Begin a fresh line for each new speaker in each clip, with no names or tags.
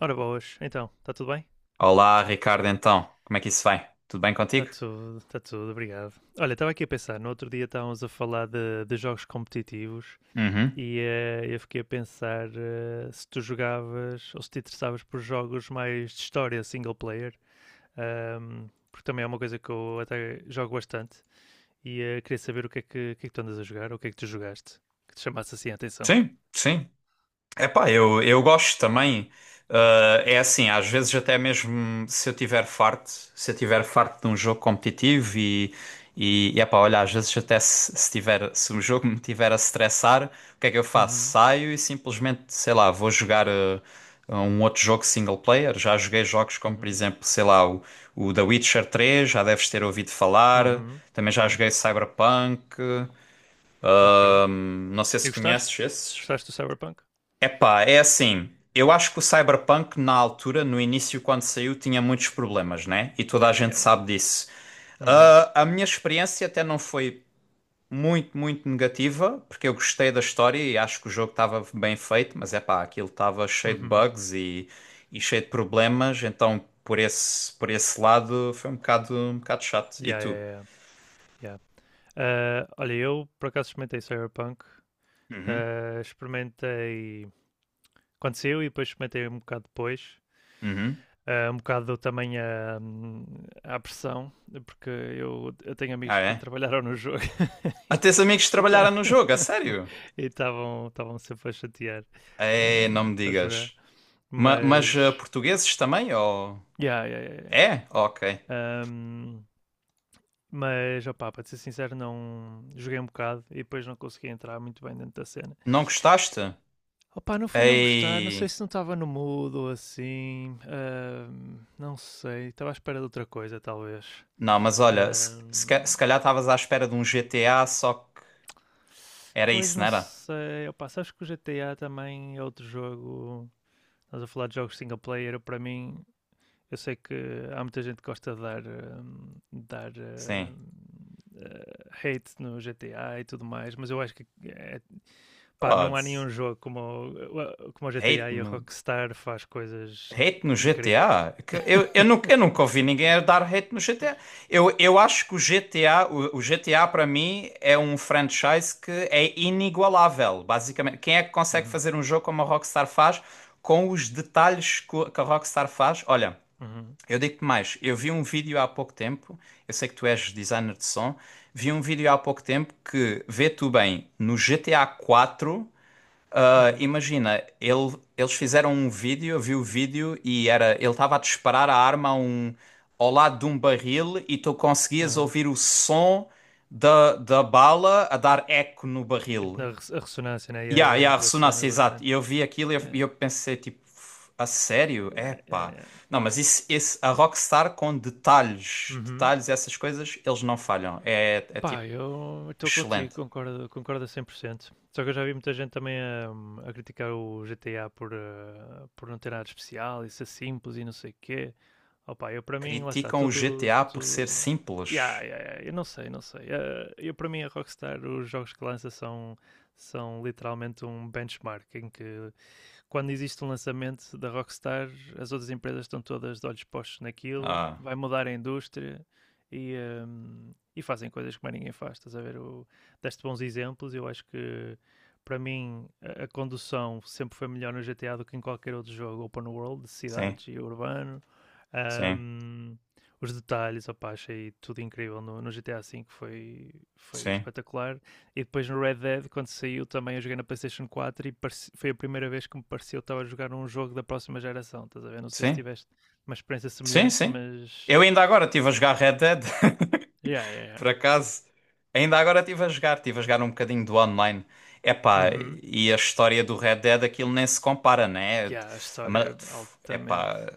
Ora boas, então, está tudo bem?
Olá, Ricardo, então, como é que isso vai? Tudo bem contigo?
Está tudo, obrigado. Olha, estava aqui a pensar, no outro dia estávamos a falar de jogos competitivos
Uhum.
e eu fiquei a pensar se tu jogavas ou se te interessavas por jogos mais de história single player, porque também é uma coisa que eu até jogo bastante e queria saber o que é que tu andas a jogar, ou o que é que tu jogaste, que te chamasse assim a atenção.
Sim, sim. Epá, eu gosto também. Ah, é assim, às vezes até mesmo se eu tiver farto, se eu tiver farto de um jogo competitivo e epá, olha, às vezes até se, se tiver, se o jogo me tiver a stressar, o que é que eu faço?
Uhum,
Saio e simplesmente, sei lá, vou jogar um outro jogo single player. Já joguei jogos como, por
uhum,
exemplo, sei lá, o The Witcher três. Já deves ter ouvido falar.
uhum,
Também já
claro.
joguei Cyberpunk.
Ok. E
Não sei se
gostaste?
conheces esses.
Gostaste do Cyberpunk?
Epá, é assim. Eu acho que o Cyberpunk, na altura, no início, quando saiu, tinha muitos problemas, né? E toda a
Yeah,
gente
yeah, yeah.
sabe disso.
Uhum.
Ah, a minha experiência até não foi muito, muito negativa, porque eu gostei da história e acho que o jogo estava bem feito, mas epá, aquilo estava cheio de
Uhum.
bugs e, cheio de problemas, então por esse lado foi um bocado chato. E
Yeah,
tu?
yeah, yeah, yeah. Ah, olha, eu por acaso experimentei Cyberpunk.
Uhum,
Ah, experimentei quando saiu e depois experimentei um bocado depois.
uhum.
Ah, um bocado também a pressão, porque eu tenho amigos
Ah,
que
é?
trabalharam no jogo e
Até os amigos trabalharam no jogo, a sério?
estavam sempre a chatear
É, não me
para jogar.
digas. Mas
Mas,
portugueses também? Ou...
yeah, yeah, yeah,
É? Ok.
yeah. Um, Mas, opá, para ser sincero, não joguei um bocado e depois não consegui entrar muito bem dentro da cena.
Não gostaste?
Opá, não foi não gostar, não
Ei.
sei se não estava no mood ou assim, não sei, estava à espera de outra coisa, talvez.
Não, mas olha,
Ahm,
se calhar estavas à espera de um GTA, só que era
pois
isso, não
não
era?
sei, opá, sabes que o GTA também é outro jogo, estás a falar de jogos single player, para mim, eu sei que há muita gente que gosta de dar, dar
Sim.
hate no GTA e tudo mais, mas eu acho que é. Pá, não há
Pode.
nenhum jogo como, como o
Hate.
GTA e a Rockstar faz coisas
Hate no
incríveis.
GTA? Que eu nunca ouvi ninguém a dar hate no GTA. Eu acho que o GTA para mim é um franchise que é inigualável, basicamente. Quem é que consegue
Uhum,
fazer um jogo como a Rockstar faz, com os detalhes que a Rockstar faz? Olha,
uhum,
eu digo-te mais, eu vi um vídeo há pouco tempo, eu sei que tu és designer de som, vi um vídeo há pouco tempo que vê tu bem no GTA 4. Ah,
uhum,
imagina, eles fizeram um vídeo, eu vi o vídeo e era, ele estava a disparar a arma ao lado de um barril e tu conseguias
aham.
ouvir o som da bala a dar eco no
Tipo
barril.
na a ressonância, né?
E
Yeah,
yeah,
yeah, yeah,
yeah, a
boa cena,
ressonância,
boa
exato.
cena.
E eu vi aquilo e eu, e
Yeah,
eu pensei, tipo, a sério?
yeah, yeah,
Epá.
yeah.
Não, mas isso, a Rockstar com detalhes,
Uhum.
detalhes, essas coisas, eles não falham. É
Pá,
tipo,
eu estou contigo,
excelente.
concordo, concordo a cem por cento. Só que eu já vi muita gente também criticar o GTA por, por não ter nada de especial e ser simples e não sei o quê. Opa, eu para mim, lá está,
Criticam o
tudo.
GTA por ser
tudo... Yeah,
simples.
yeah, yeah, eu não sei, não sei. Eh, eu para mim, a Rockstar, os jogos que lança são literalmente um benchmark em que quando existe um lançamento da Rockstar, as outras empresas estão todas de olhos postos naquilo,
Ah.
vai mudar a indústria e, e fazem coisas que mais ninguém faz. Estás a ver? Deste bons exemplos, eu acho que para mim a condução sempre foi melhor no GTA do que em qualquer outro jogo open world, de
Sim.
cidades e urbano.
Sim,
Um, os detalhes, opa, achei tudo incrível no GTA V, foi, foi
sim,
espetacular. E depois no Red Dead, quando saiu, também eu joguei na PlayStation 4 e foi a primeira vez que me pareceu que estava a jogar um jogo da próxima geração. Estás a ver? Não sei se
sim,
tiveste uma experiência
sim,
semelhante,
sim.
mas.
Eu ainda agora estive a jogar Red Dead.
Yeah, yeah, yeah.
Por acaso, ainda agora estive a jogar, um bocadinho do online. Epá,
Uhum.
e a história do Red Dead, aquilo nem se compara, né?
Yeah, a
A
história
ma-
é altamente.
Epá,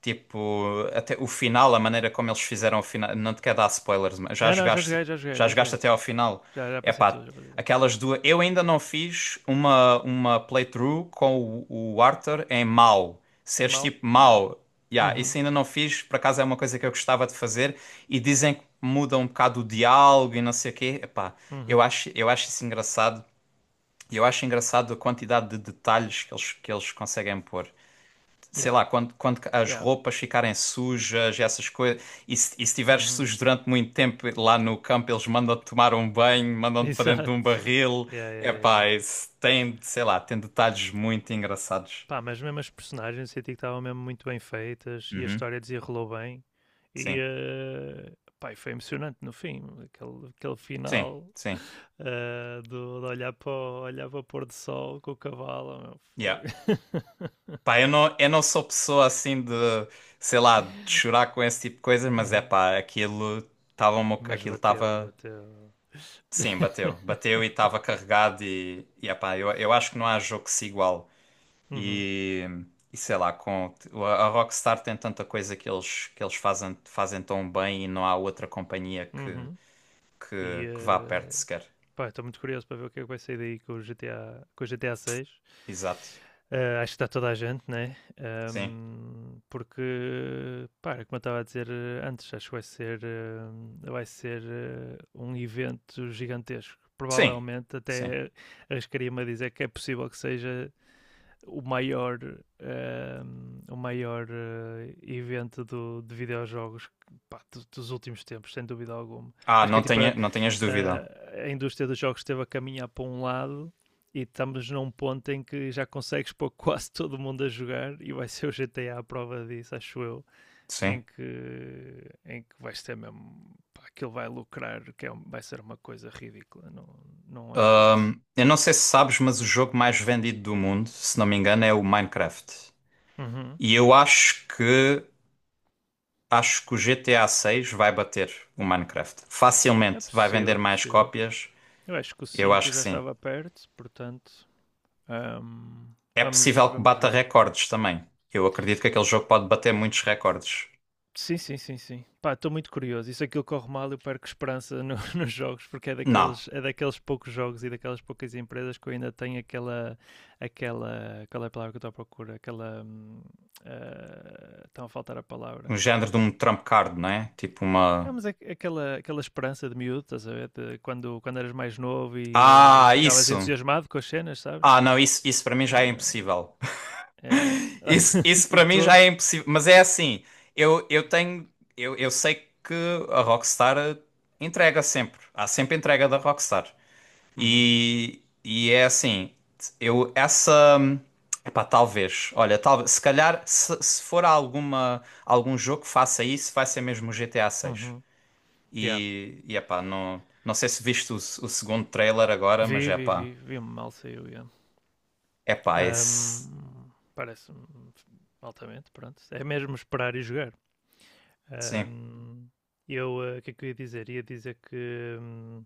tipo, até o final, a maneira como eles fizeram o final, não te quero dar spoilers, mas já
Não, não, já
jogaste,
joguei, já joguei, já joguei.
até ao final.
Já, já passei
Epá,
tudo, já passei tudo.
aquelas duas. Eu ainda não fiz uma playthrough com o Arthur em mau.
É
Seres
mau?
tipo
Yeah.
mau. Yeah,
Uhum.
isso ainda não fiz, por acaso é uma coisa que eu gostava de fazer e dizem que muda um bocado o diálogo e não sei o quê. Epá, eu
Uhum.
acho, eu acho isso engraçado. E eu acho engraçado a quantidade de detalhes que eles conseguem pôr. Sei
Yeah.
lá, quando as
Yeah.
roupas ficarem sujas, e essas coisas, e se estiveres
Uhum.
sujo durante muito tempo lá no campo, eles mandam-te tomar um banho, mandam-te para dentro de
Exato.
um barril.
Yeah, yeah, yeah, yeah.
Epá, isso tem, sei lá, tem detalhes muito engraçados.
Pá, mas mesmo as personagens senti que estavam mesmo muito bem feitas e a
Uhum.
história desenrolou bem. E,
Sim,
pá, e foi emocionante no fim, aquele, aquele
sim,
final
sim.
do, de olhar para o pôr do sol com o cavalo. Meu,
Yeah.
foi.
Pá, eu não sou pessoa assim de, sei lá, de chorar com esse tipo de coisas, mas é pá, aquilo estava,
Mas bateu, bateu.
sim, bateu, bateu e estava carregado e, é pá, eu acho que não há jogo que se iguale
Uhum,
e, sei lá, com, a Rockstar tem tanta coisa que eles fazem, tão bem e não há outra companhia que,
uhum. E,
que, que vá perto sequer,
pá, estou muito curioso para ver o que é que vai sair daí com o GTA, com o GTA 6.
exato,
Acho que está toda a gente, né?
sim,
Porque, pá, é como eu estava a dizer antes, acho que vai ser um evento gigantesco.
sim,
Provavelmente,
sim,
até arriscaria-me a dizer que é possível que seja o maior, o maior evento de videojogos, pá, dos últimos tempos, sem dúvida alguma.
ah,
Acho que é tipo a,
não tenhas dúvida,
a- a indústria dos jogos esteve a caminhar para um lado e estamos num ponto em que já consegues pôr quase todo mundo a jogar e vai ser o GTA a prova disso, acho eu,
sim.
em que, em que vai ser mesmo, pá, aquilo vai lucrar, que é vai ser uma coisa ridícula, não, não há hipótese.
Eu não sei se sabes, mas o jogo mais vendido do mundo, se não me engano, é o Minecraft.
Uhum.
E eu acho que o GTA 6 vai bater o Minecraft.
É
Facilmente vai vender
possível,
mais
possível.
cópias.
Eu acho que o
Eu acho
cinco
que
já
sim.
estava perto, portanto, ahm,
É
vamos,
possível que
vamos
bata
ver.
recordes também. Eu acredito que aquele jogo pode bater muitos recordes.
Sim, sim, sim, sim. Pá, estou muito curioso. E se aquilo corre mal, eu perco esperança nos jogos, porque é
Não,
daqueles, é daqueles poucos jogos e daquelas poucas empresas que eu ainda tenho aquela. Qual é a palavra que eu estou à procura? Aquela. Estão a faltar a palavra.
um género de um trump card, não é? Tipo
Não,
uma.
mas aquela esperança de miúdo, estás a ver? De quando, quando eras mais novo e
Ah,
ficavas
isso.
entusiasmado com as cenas, sabes?
Ah, não, isso para mim já é
Ah,
impossível.
é,
Isso
de
para mim já
todo.
é impossível. Mas é assim, eu tenho. Eu sei que a Rockstar entrega sempre. Há sempre entrega da Rockstar.
Uhum.
E é assim, eu essa. Epá, talvez. Olha, talvez, se calhar, se for algum jogo que faça isso, vai ser mesmo o GTA 6.
Uhum. Yeah.
Epá, não sei se viste o segundo trailer agora, mas
Vi, vi, vi,
epá,
vi mal saiu, yeah.
esse.
Parece-me altamente, pronto. É mesmo esperar e jogar.
Sim.
Ahm, o que é que eu ia dizer? Ia dizer que hum,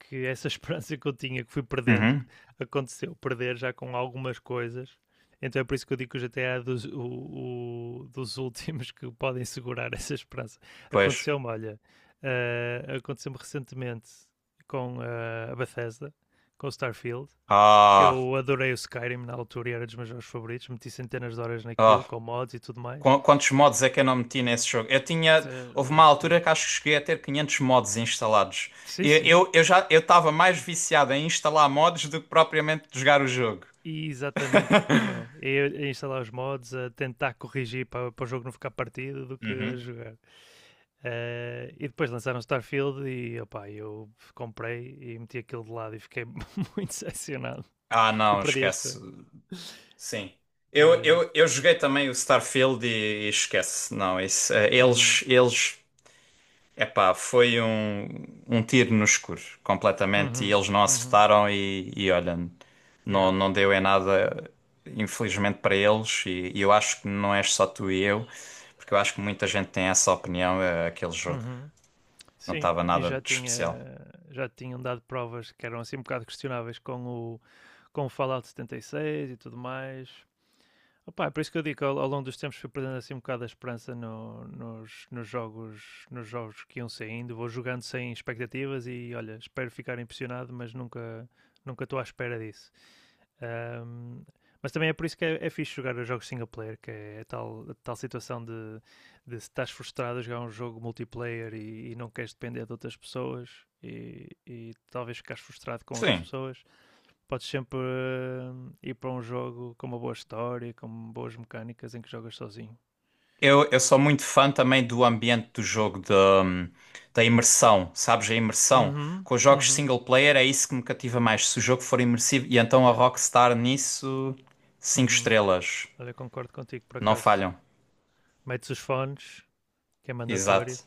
que essa esperança que eu tinha, que fui perdendo,
Uhum.
aconteceu. Perder já com algumas coisas. Então é por isso que eu digo que o GTA é dos últimos que podem segurar essa esperança.
Pois.
Aconteceu-me, olha, eh, aconteceu-me recentemente com a Bethesda, com o Starfield, que
Ah.
eu adorei o Skyrim na altura e era dos meus jogos favoritos. Meti centenas de horas
Ah.
naquilo, com mods e tudo mais.
Quantos mods é que eu não meti nesse jogo? Eu tinha.
Eh,
Houve uma
yeah.
altura que acho que cheguei a ter 500 mods instalados.
Sim,
E
sim.
Eu, já eu estava mais viciado em instalar mods do que propriamente jogar o jogo.
Exatamente como eu. É a instalar os mods, a tentar corrigir para, para o jogo não ficar partido do que a
Uhum.
jogar. E depois lançaram Starfield e opá, eu comprei e meti aquilo de lado e fiquei muito decepcionado.
Ah,
E
não,
perdi a
esquece.
esperança.
Sim.
Mas,
Eu joguei também o Starfield e, esquece. Não, isso, eh,
uhum,
eles Epá, foi um, tiro no escuro, completamente, e
uhum,
eles não
uhum,
acertaram e, olha,
yeah,
não, deu em nada, infelizmente para eles, e, eu acho que não és só tu e eu, porque eu acho que muita gente tem essa opinião, aquele jogo
uhum.
não
Sim,
estava
e
nada
já
de
tinha
especial.
já tinham dado provas que eram assim um bocado questionáveis com o Fallout 76 e seis e tudo mais. Opa, é por isso que eu digo que ao longo dos tempos fui perdendo assim um bocado a esperança nos jogos, nos jogos, que iam saindo. Vou jogando sem expectativas e olha, espero ficar impressionado, mas nunca estou à espera disso. Ahm, mas também é por isso que é fixe jogar os jogos single player, que é a tal situação de se estás frustrado a jogar um jogo multiplayer e, não queres depender de outras pessoas e, talvez ficares frustrado com outras
Sim,
pessoas podes sempre ir para um jogo com uma boa história, com boas mecânicas em que jogas sozinho.
eu sou muito fã também do ambiente do jogo, da imersão, sabes? A imersão.
Uhum,
Com os jogos
uhum,
single player é isso que me cativa mais. Se o jogo for imersivo, e então a
yeah,
Rockstar nisso, cinco
uhum.
estrelas.
Olha, eu concordo contigo por
Não
acaso.
falham.
Metes os fones, que é mandatório.
Exato,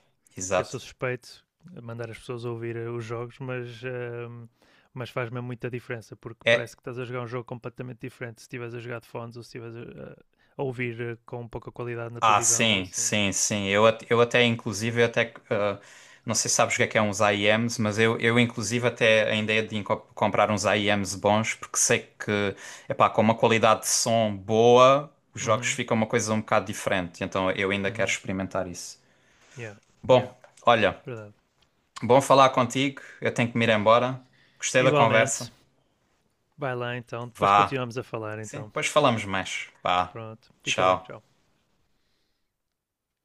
Eu
exato.
sou suspeito a mandar as pessoas ouvir os jogos, mas, mas faz mesmo muita diferença, porque
É,
parece que estás a jogar um jogo completamente diferente se estiveres a jogar de fones ou se estiveres a ouvir com pouca qualidade na
ah,
televisão ou
sim,
assim.
sim, sim. Eu, at- eu até, inclusive, eu até, ah, não sei se sabes o que é uns IEMs, mas eu inclusive, até a ideia de comprar uns IEMs bons, porque sei que, epá, com uma qualidade de som boa, os jogos
Uhum,
ficam uma coisa um bocado diferente. Então, eu ainda quero
uhum,
experimentar isso.
yeah,
Bom,
yeah,
olha,
verdade.
bom falar contigo. Eu tenho que me ir embora. Gostei da
Igualmente.
conversa.
Vai lá então, depois
Vá.
continuamos a falar
Sim,
então.
depois falamos mais. Vá.
Pronto, fica bem,
Tchau.
tchau.